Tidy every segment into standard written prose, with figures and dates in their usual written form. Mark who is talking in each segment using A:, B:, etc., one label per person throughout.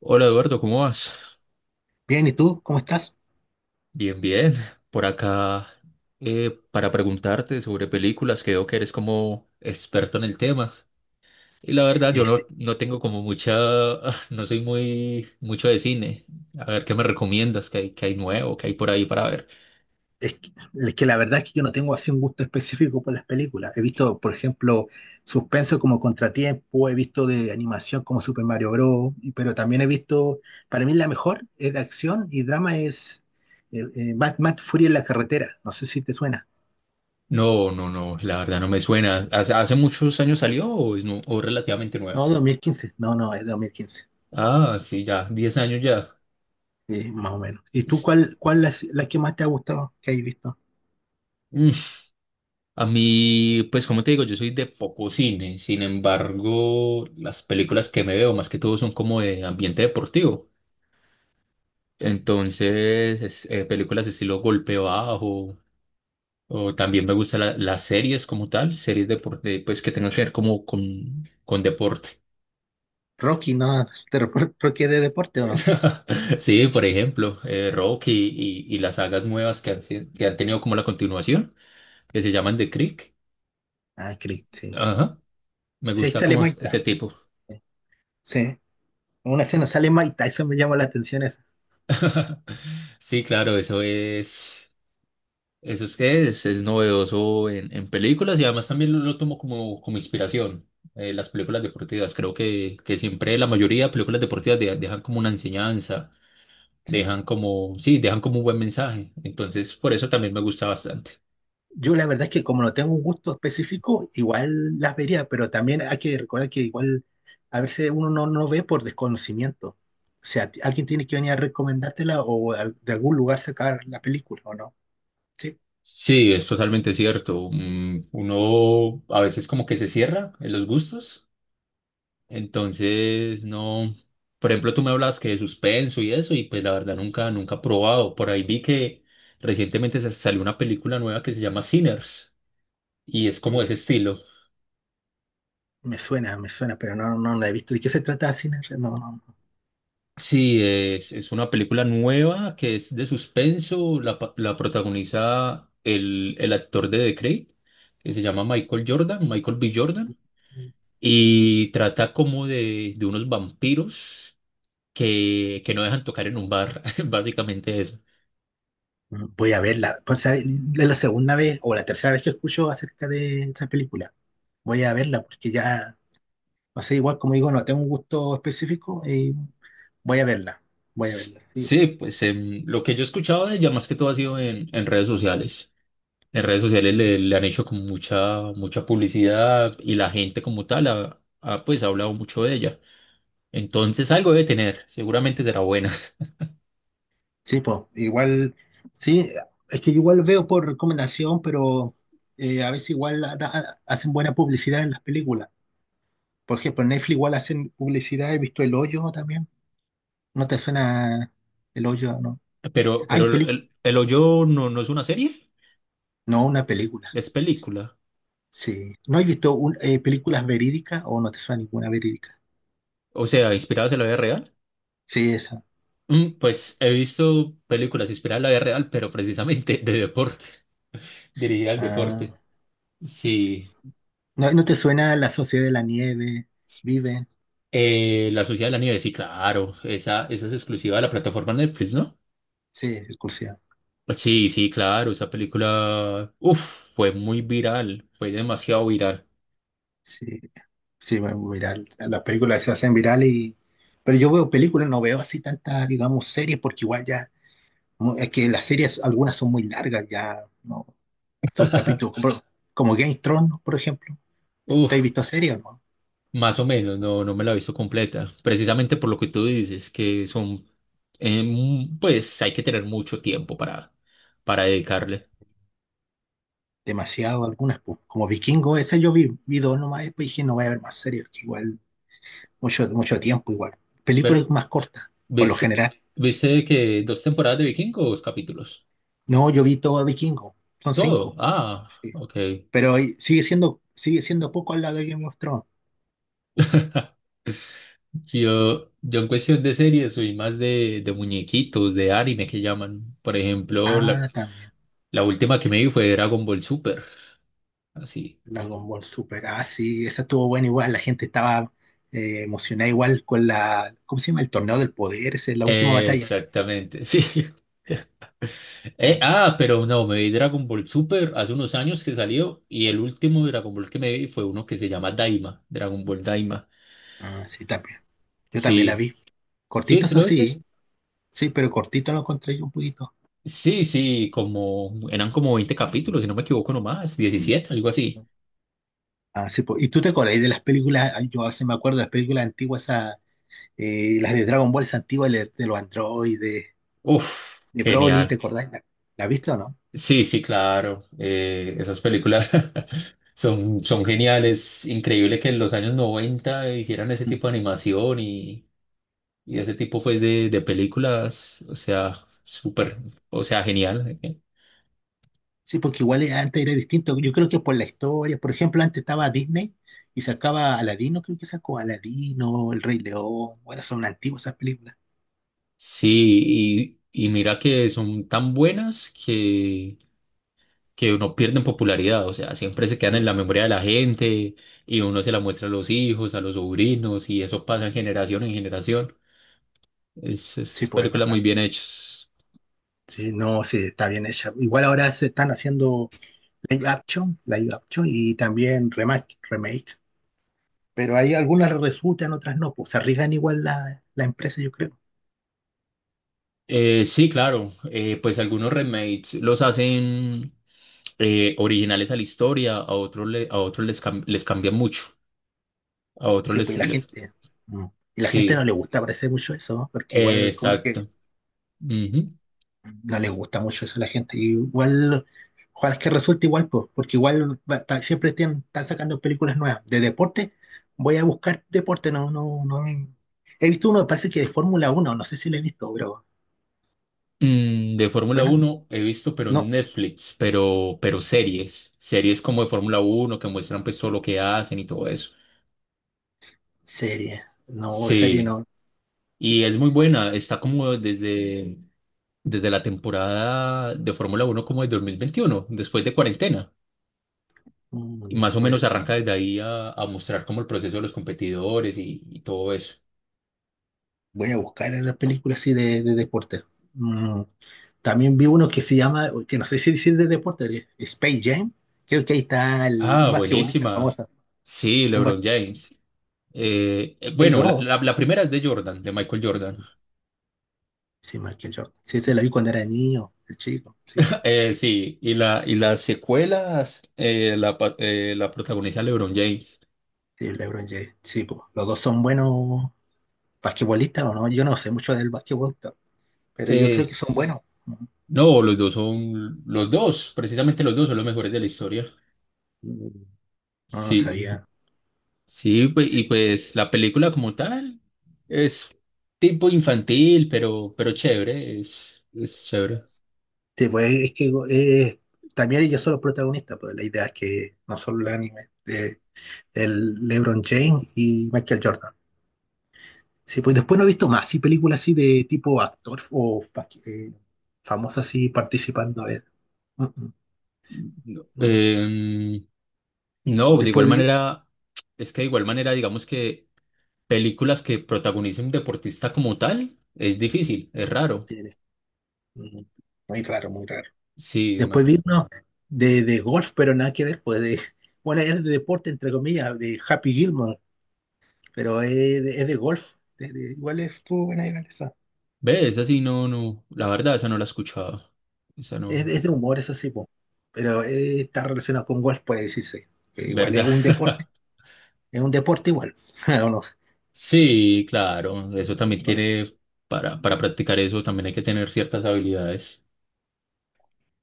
A: Hola Eduardo, ¿cómo vas?
B: Bien, ¿y tú? ¿Cómo estás?
A: Bien, bien. Por acá, para preguntarte sobre películas, que veo que eres como experto en el tema. Y la verdad, yo no,
B: Este,
A: no tengo como mucha, no soy muy mucho de cine. A ver, ¿qué me recomiendas? ¿ qué hay nuevo? ¿Qué hay por ahí para ver?
B: es que la verdad es que yo no tengo así un gusto específico por las películas. He visto, por ejemplo, suspenso como Contratiempo. He visto de animación como Super Mario Bros., pero también he visto, para mí la mejor es de acción y drama es Mad Fury en la carretera. No sé si te suena.
A: No, no, no, la verdad no me suena. ¿ hace muchos años salió o es nu- o relativamente
B: No,
A: nueva?
B: 2015. No, no, es 2015.
A: Ah, sí, ya, 10 años ya.
B: Sí, más o menos. ¿Y tú
A: S-
B: cuál es la que más te ha gustado que hayas visto?
A: A mí, pues como te digo, yo soy de poco cine, sin embargo, las películas que me veo más que todo son como de ambiente deportivo. Entonces, películas de estilo golpe bajo, o también me gustan las series como tal, series deporte, pues que tengan que ver con deporte.
B: Rocky, ¿no? ¿Rocky es de deporte o no?
A: Sí, por ejemplo, Rocky y las sagas nuevas que que han tenido como la continuación, que se llaman The Creek.
B: Ah, creí, sí.
A: Ajá, me
B: Sí, ahí
A: gusta
B: sale
A: como
B: Mike
A: ese
B: Tyson.
A: tipo.
B: Sí, en una escena sale Mike Tyson, me llama la atención esa.
A: Sí, claro, eso es. Eso es que es novedoso en películas y además también lo tomo como, como inspiración. Las películas deportivas, creo que siempre la mayoría de películas deportivas dejan como una enseñanza,
B: Sí.
A: dejan como, sí, dejan como un buen mensaje. Entonces, por eso también me gusta bastante.
B: Yo la verdad es que como no tengo un gusto específico, igual las vería, pero también hay que recordar que igual a veces uno no ve por desconocimiento. O sea, alguien tiene que venir a recomendártela o de algún lugar sacar la película, ¿o no? Sí,
A: Sí, es totalmente cierto. Uno a veces como que se cierra en los gustos. Entonces, no. Por ejemplo, tú me hablas que de suspenso y eso, y pues la verdad nunca, nunca he probado. Por ahí vi que recientemente salió una película nueva que se llama Sinners, y es
B: sí,
A: como
B: me
A: ese estilo.
B: me suena, me suena, pero no la he visto. ¿De qué se trata Cine? No, no,
A: Sí, es una película nueva que es de suspenso, la protagoniza el actor de The Creed, que se llama Michael B. Jordan, y trata como de unos vampiros que no dejan tocar en un bar, básicamente eso.
B: no. Voy a verla. Pues, ¿sabe? Es la segunda vez o la tercera vez que escucho acerca de esa película. Voy a verla porque ya. No sé, igual como digo, no tengo un gusto específico y voy a verla. Voy a verla. Sí,
A: Sí, pues lo que yo he escuchado de ella más que todo ha sido en redes sociales. En redes sociales le han hecho como mucha, mucha publicidad y la gente como tal pues ha hablado mucho de ella. Entonces algo debe tener, seguramente será buena.
B: sí, pues, igual, sí, es que igual veo por recomendación, pero a veces igual hacen buena publicidad en las películas. Por ejemplo, en Netflix igual hacen publicidad, he visto El Hoyo también. ¿No te suena El Hoyo? No.
A: Pero
B: Hay película,
A: El Hoyo no, no es una serie,
B: no, una película.
A: es película.
B: Sí. ¿No has visto películas verídicas o no te suena ninguna verídica?
A: O sea, inspiradas en la vida real.
B: Sí, esa.
A: Pues he visto películas inspiradas en la vida real, pero precisamente de deporte, dirigida al deporte.
B: Ah.
A: Sí.
B: ¿No te suena La Sociedad de la Nieve? Viven.
A: La Sociedad de la Nieve, sí, claro. Esa es exclusiva de la plataforma Netflix, ¿no?
B: Sí, es cursiva.
A: Pues sí, sí, claro. Esa película, uf, fue muy viral. Fue demasiado viral.
B: Sí, sí, bueno, viral. Las películas se hacen virales y. Pero yo veo películas, no veo así tantas, digamos, series, porque igual ya. Es que las series, algunas son muy largas, ya, ¿no? Son capítulos, como Game of Thrones, por ejemplo. ¿Te has
A: Uf,
B: visto series, no?
A: más o menos, no, no me la he visto completa. Precisamente por lo que tú dices, que son, pues hay que tener mucho tiempo para dedicarle.
B: Demasiado algunas, pues. Como Vikingo, esa yo vi, dos nomás, después dije, no voy a ver más series, que igual, mucho, mucho tiempo igual.
A: Pero,
B: Películas más cortas, por lo
A: ¿viste,
B: general.
A: viste que dos temporadas de Vikingos, capítulos?
B: No, yo vi todo Vikingo, son
A: Todo.
B: cinco.
A: Ah,
B: Sí,
A: ok.
B: pero ahí sigue siendo poco al lado de Game of Thrones.
A: Sí, yo en cuestión de series soy más de muñequitos, de anime que llaman. Por ejemplo,
B: Ah, también.
A: la última que me vi fue Dragon Ball Super. Así.
B: Dragon Ball Super. Ah, sí, esa estuvo buena igual. La gente estaba emocionada igual con la, ¿cómo se llama? El torneo del poder, esa es la última batalla.
A: Exactamente, sí.
B: Ah,
A: Pero no, me vi Dragon Ball Super hace unos años que salió y el último Dragon Ball que me vi fue uno que se llama Daima, Dragon Ball Daima.
B: ah, sí, también. Yo también la
A: Sí,
B: vi.
A: sí,
B: Cortito,
A: ¿sí
B: eso
A: lo hice?
B: sí. Sí, pero cortito lo encontré yo un poquito.
A: Sí, sí, como eran como 20 capítulos, si no me equivoco nomás, 17 algo así.
B: Ah, sí, ¿Y tú te acordás de las películas? Ah, yo hace me acuerdo de las películas antiguas, esa, las de Dragon Ball esas antiguas, de los androides,
A: Uf,
B: de Broly, ¿te
A: genial.
B: acordás? ¿La has visto o no?
A: Sí, sí, claro. Esas películas son, son geniales. Increíble que en los años 90 hicieran ese tipo de animación y ese tipo pues de películas. O sea, súper, o sea, genial.
B: Sí, porque igual antes era distinto. Yo creo que por la historia, por ejemplo, antes estaba Disney y sacaba Aladino, creo que sacó Aladino, El Rey León. Bueno, son antiguas esas películas.
A: Sí, y mira que son tan buenas que no pierden popularidad. O sea, siempre se quedan en
B: Mm.
A: la memoria de la gente y uno se la muestra a los hijos, a los sobrinos y eso pasa en generación en generación.
B: Sí,
A: Es
B: pues es
A: películas muy
B: verdad.
A: bien hechas.
B: Sí, no, sí, está bien hecha. Igual ahora se están haciendo live action y también remake, remake. Pero hay algunas resultan, otras no. Pues se arriesgan igual la empresa, yo creo.
A: Sí, claro. Pues algunos remakes los hacen originales a la historia, a otros, les cambia mucho. A otros
B: Sí,
A: les...
B: pues y la
A: les-
B: gente. mm, Y la gente no
A: Sí,
B: le gusta parece mucho eso, ¿no? Porque igual como que
A: exacto. Ujú.
B: no le gusta mucho eso a la gente. Y igual, ojalá es que resulte igual, pues, porque igual siempre están sacando películas nuevas. De deporte, voy a buscar deporte, no, no, no. He visto uno, parece que de Fórmula 1 no sé si lo he visto, pero
A: De Fórmula
B: ¿suena?
A: Uno he visto, pero en
B: No,
A: Netflix, pero series. Series como de Fórmula Uno que muestran pues todo lo que hacen y todo eso.
B: serie, no, serie
A: Sí,
B: no.
A: y es muy buena. Está como desde, desde la temporada de Fórmula Uno como de 2021, después de cuarentena. Y más o
B: Después,
A: menos
B: bueno,
A: arranca desde ahí a mostrar como el proceso de los competidores y todo eso.
B: voy a buscar las películas así de deporte. Mm, También vi uno que se llama, que no sé si es de deporte, Space Jam. Creo que ahí está el un
A: Ah,
B: basquetbolista
A: buenísima.
B: famoso.
A: Sí,
B: Un bas-.
A: LeBron James.
B: Hay
A: Bueno,
B: dos.
A: la primera es de Jordan, de Michael Jordan.
B: Mm, sí, Michael Jordan. Sí, se lo vi cuando era niño, el chico. Sí,
A: Sí, y las secuelas la protagoniza LeBron James.
B: sí, LeBron James. Sí, pues, los dos son buenos basquetbolistas o no. Yo no sé mucho del basquetbol, pero yo creo que
A: Eh,
B: son buenos.
A: no, los dos son, los dos, precisamente los dos son los mejores de la historia.
B: Ujú. No, no
A: Sí.
B: sabía.
A: Y
B: Sí,
A: pues la película como tal es tipo infantil, pero chévere, es chévere.
B: sí, pues es que también ellos son los protagonistas, pues la idea es que no solo el anime, de, el LeBron James y Michael Jordan. Sí, pues después no he visto más, sí, películas así de tipo actor o eh, famosos así participando. A ver. Mm, mm,
A: No,
B: no.
A: no, de igual
B: Después vi,
A: manera, es que de igual manera, digamos que películas que protagonicen un deportista como tal es difícil, es raro.
B: Tienes- mm, muy raro, muy raro.
A: Sí,
B: Después
A: más.
B: vi de golf, pero nada que ver, pues de, bueno, es de deporte, entre comillas, de Happy Gilmore, pero es de golf. Igual estuvo buena igual esa.
A: Ve, esa sí, no, no, la verdad, esa no la he escuchado. Esa
B: Es,
A: no,
B: de es de humor, eso sí, po. Pero está relacionado con golf, puede decirse. Que igual
A: ¿verdad?
B: es un deporte igual. ¿O no?
A: Sí, claro, eso también
B: Golf.
A: tiene, para practicar eso también hay que tener ciertas habilidades.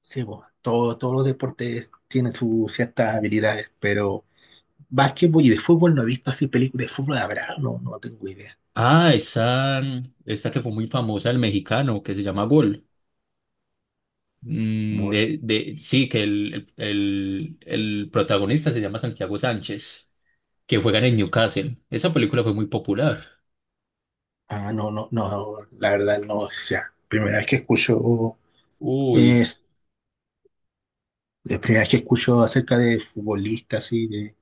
B: Sí, po. Todos los deportes tienen sus ciertas habilidades, pero básquetbol y de fútbol no he visto así películas de fútbol, habrá, no, no tengo idea.
A: Ah, esa, esta que fue muy famosa, el mexicano, que se llama Gol. Sí, que el protagonista se llama Santiago Sánchez, que juega en el Newcastle. Esa película fue muy popular.
B: Ah, no, no, no, la verdad no, o sea, primera vez que escucho,
A: Uy,
B: es, la primera vez que escucho acerca de futbolistas y de,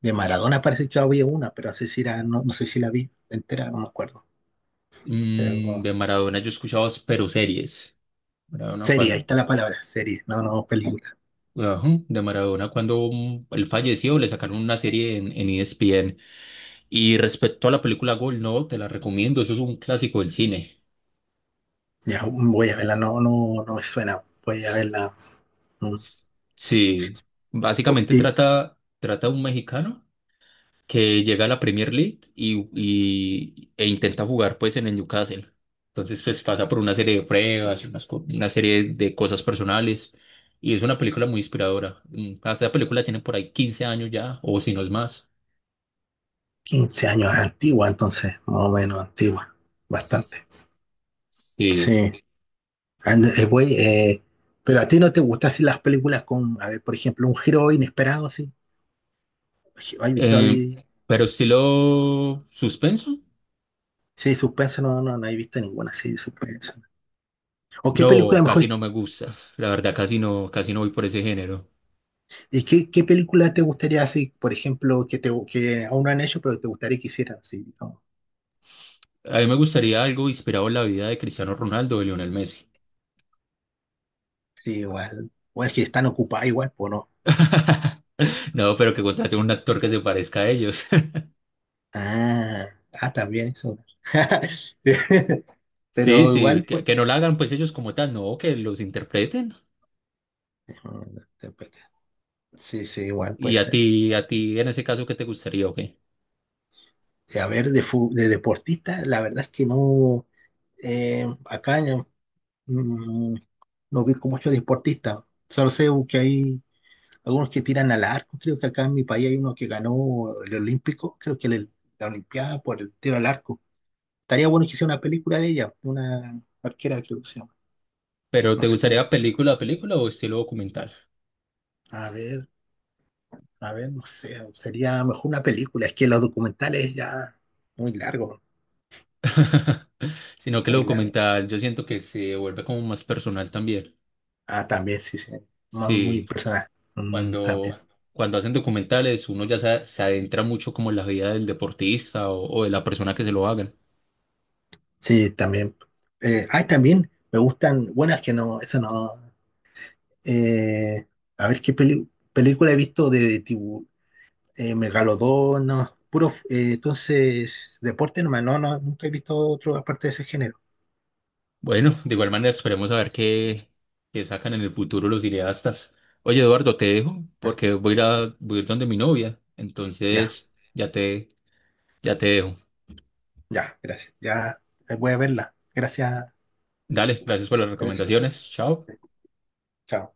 B: de Maradona parece que había una, pero no sé si era, no, no sé si la vi entera, no me acuerdo. Pero
A: de Maradona yo he escuchado pero series. Maradona
B: serie, ahí
A: cuando,
B: está la palabra, serie, no, no, película.
A: ajá, de Maradona cuando él falleció le sacaron una serie en ESPN. Y respecto a la película Gol, no, te la recomiendo, eso es un clásico del cine.
B: Ya voy a verla, no, no, no me suena, voy a verla. mm,
A: S- Sí, básicamente
B: Y
A: trata de un mexicano que llega a la Premier League e intenta jugar pues en el Newcastle. Entonces pues pasa por una serie de pruebas, una serie de cosas personales y es una película muy inspiradora. Esta película tiene por ahí 15 años ya o si no es más.
B: 15 años antigua, entonces, más o menos antigua,
A: S-
B: bastante.
A: Sí.
B: Sí. Güey, pero a ti no te gustan así las películas con, a ver, por ejemplo, un giro inesperado, sí. ¿Has visto
A: Em,
B: ahí-?
A: pero estilo suspenso,
B: Sí, suspenso, no, no, no he visto ninguna así de suspenso. ¿O qué
A: no,
B: película mejor?
A: casi no me gusta. La verdad casi no voy por ese género.
B: ¿Y qué película te gustaría así, por ejemplo, que te que aún no han hecho, pero te gustaría que hicieran así? ¿No?
A: A mí me gustaría algo inspirado en la vida de Cristiano Ronaldo o Lionel Messi.
B: Sí, igual. O es que están ocupadas igual, pues no.
A: No, pero que contraten un actor que se parezca a ellos.
B: Ah, ah, también eso.
A: Sí,
B: Pero
A: sí,
B: igual, pues.
A: que no la hagan pues ellos como tal, no, que los interpreten.
B: Sí, sí, igual,
A: Y
B: pues.
A: a ti en ese caso, ¿qué te gustaría o qué?
B: A ver, de deportistas, la verdad es que no, acá, mm, no vi mucho deportistas, solo sé que hay algunos que tiran al arco, creo que acá en mi país hay uno que ganó el Olímpico, creo que la Olimpiada por el tiro al arco. Estaría bueno que hiciera una película de ella, de una arquera creo que se llama,
A: ¿Pero
B: no
A: te
B: sé cómo.
A: gustaría película a película o estilo documental?
B: A ver, a ver, no sé, sería mejor una película, es que los documentales ya muy largo,
A: Sino que lo
B: muy largo.
A: documental yo siento que se vuelve como más personal también.
B: Ah, también, sí, sí, muy muy
A: Sí,
B: personal. Mm, también.
A: cuando, cuando hacen documentales uno ya se adentra mucho como en la vida del deportista o de la persona que se lo hagan.
B: Sí, también. Ay, también me gustan, bueno, es que no, eso no. eh, a ver qué película he visto de, Megalodón, no, puro, entonces, deporte nomás, no, no, nunca he visto otro aparte de ese género.
A: Bueno, de igual manera esperemos a ver qué, qué sacan en el futuro los cineastas. Oye, Eduardo, te dejo
B: Ah,
A: porque voy a ir a, voy a ir donde mi novia.
B: ya,
A: Entonces, ya te dejo.
B: ya, gracias. Ya voy a verla. Gracias.
A: Dale, gracias por las
B: Gracias.
A: recomendaciones. Chao.
B: Chao.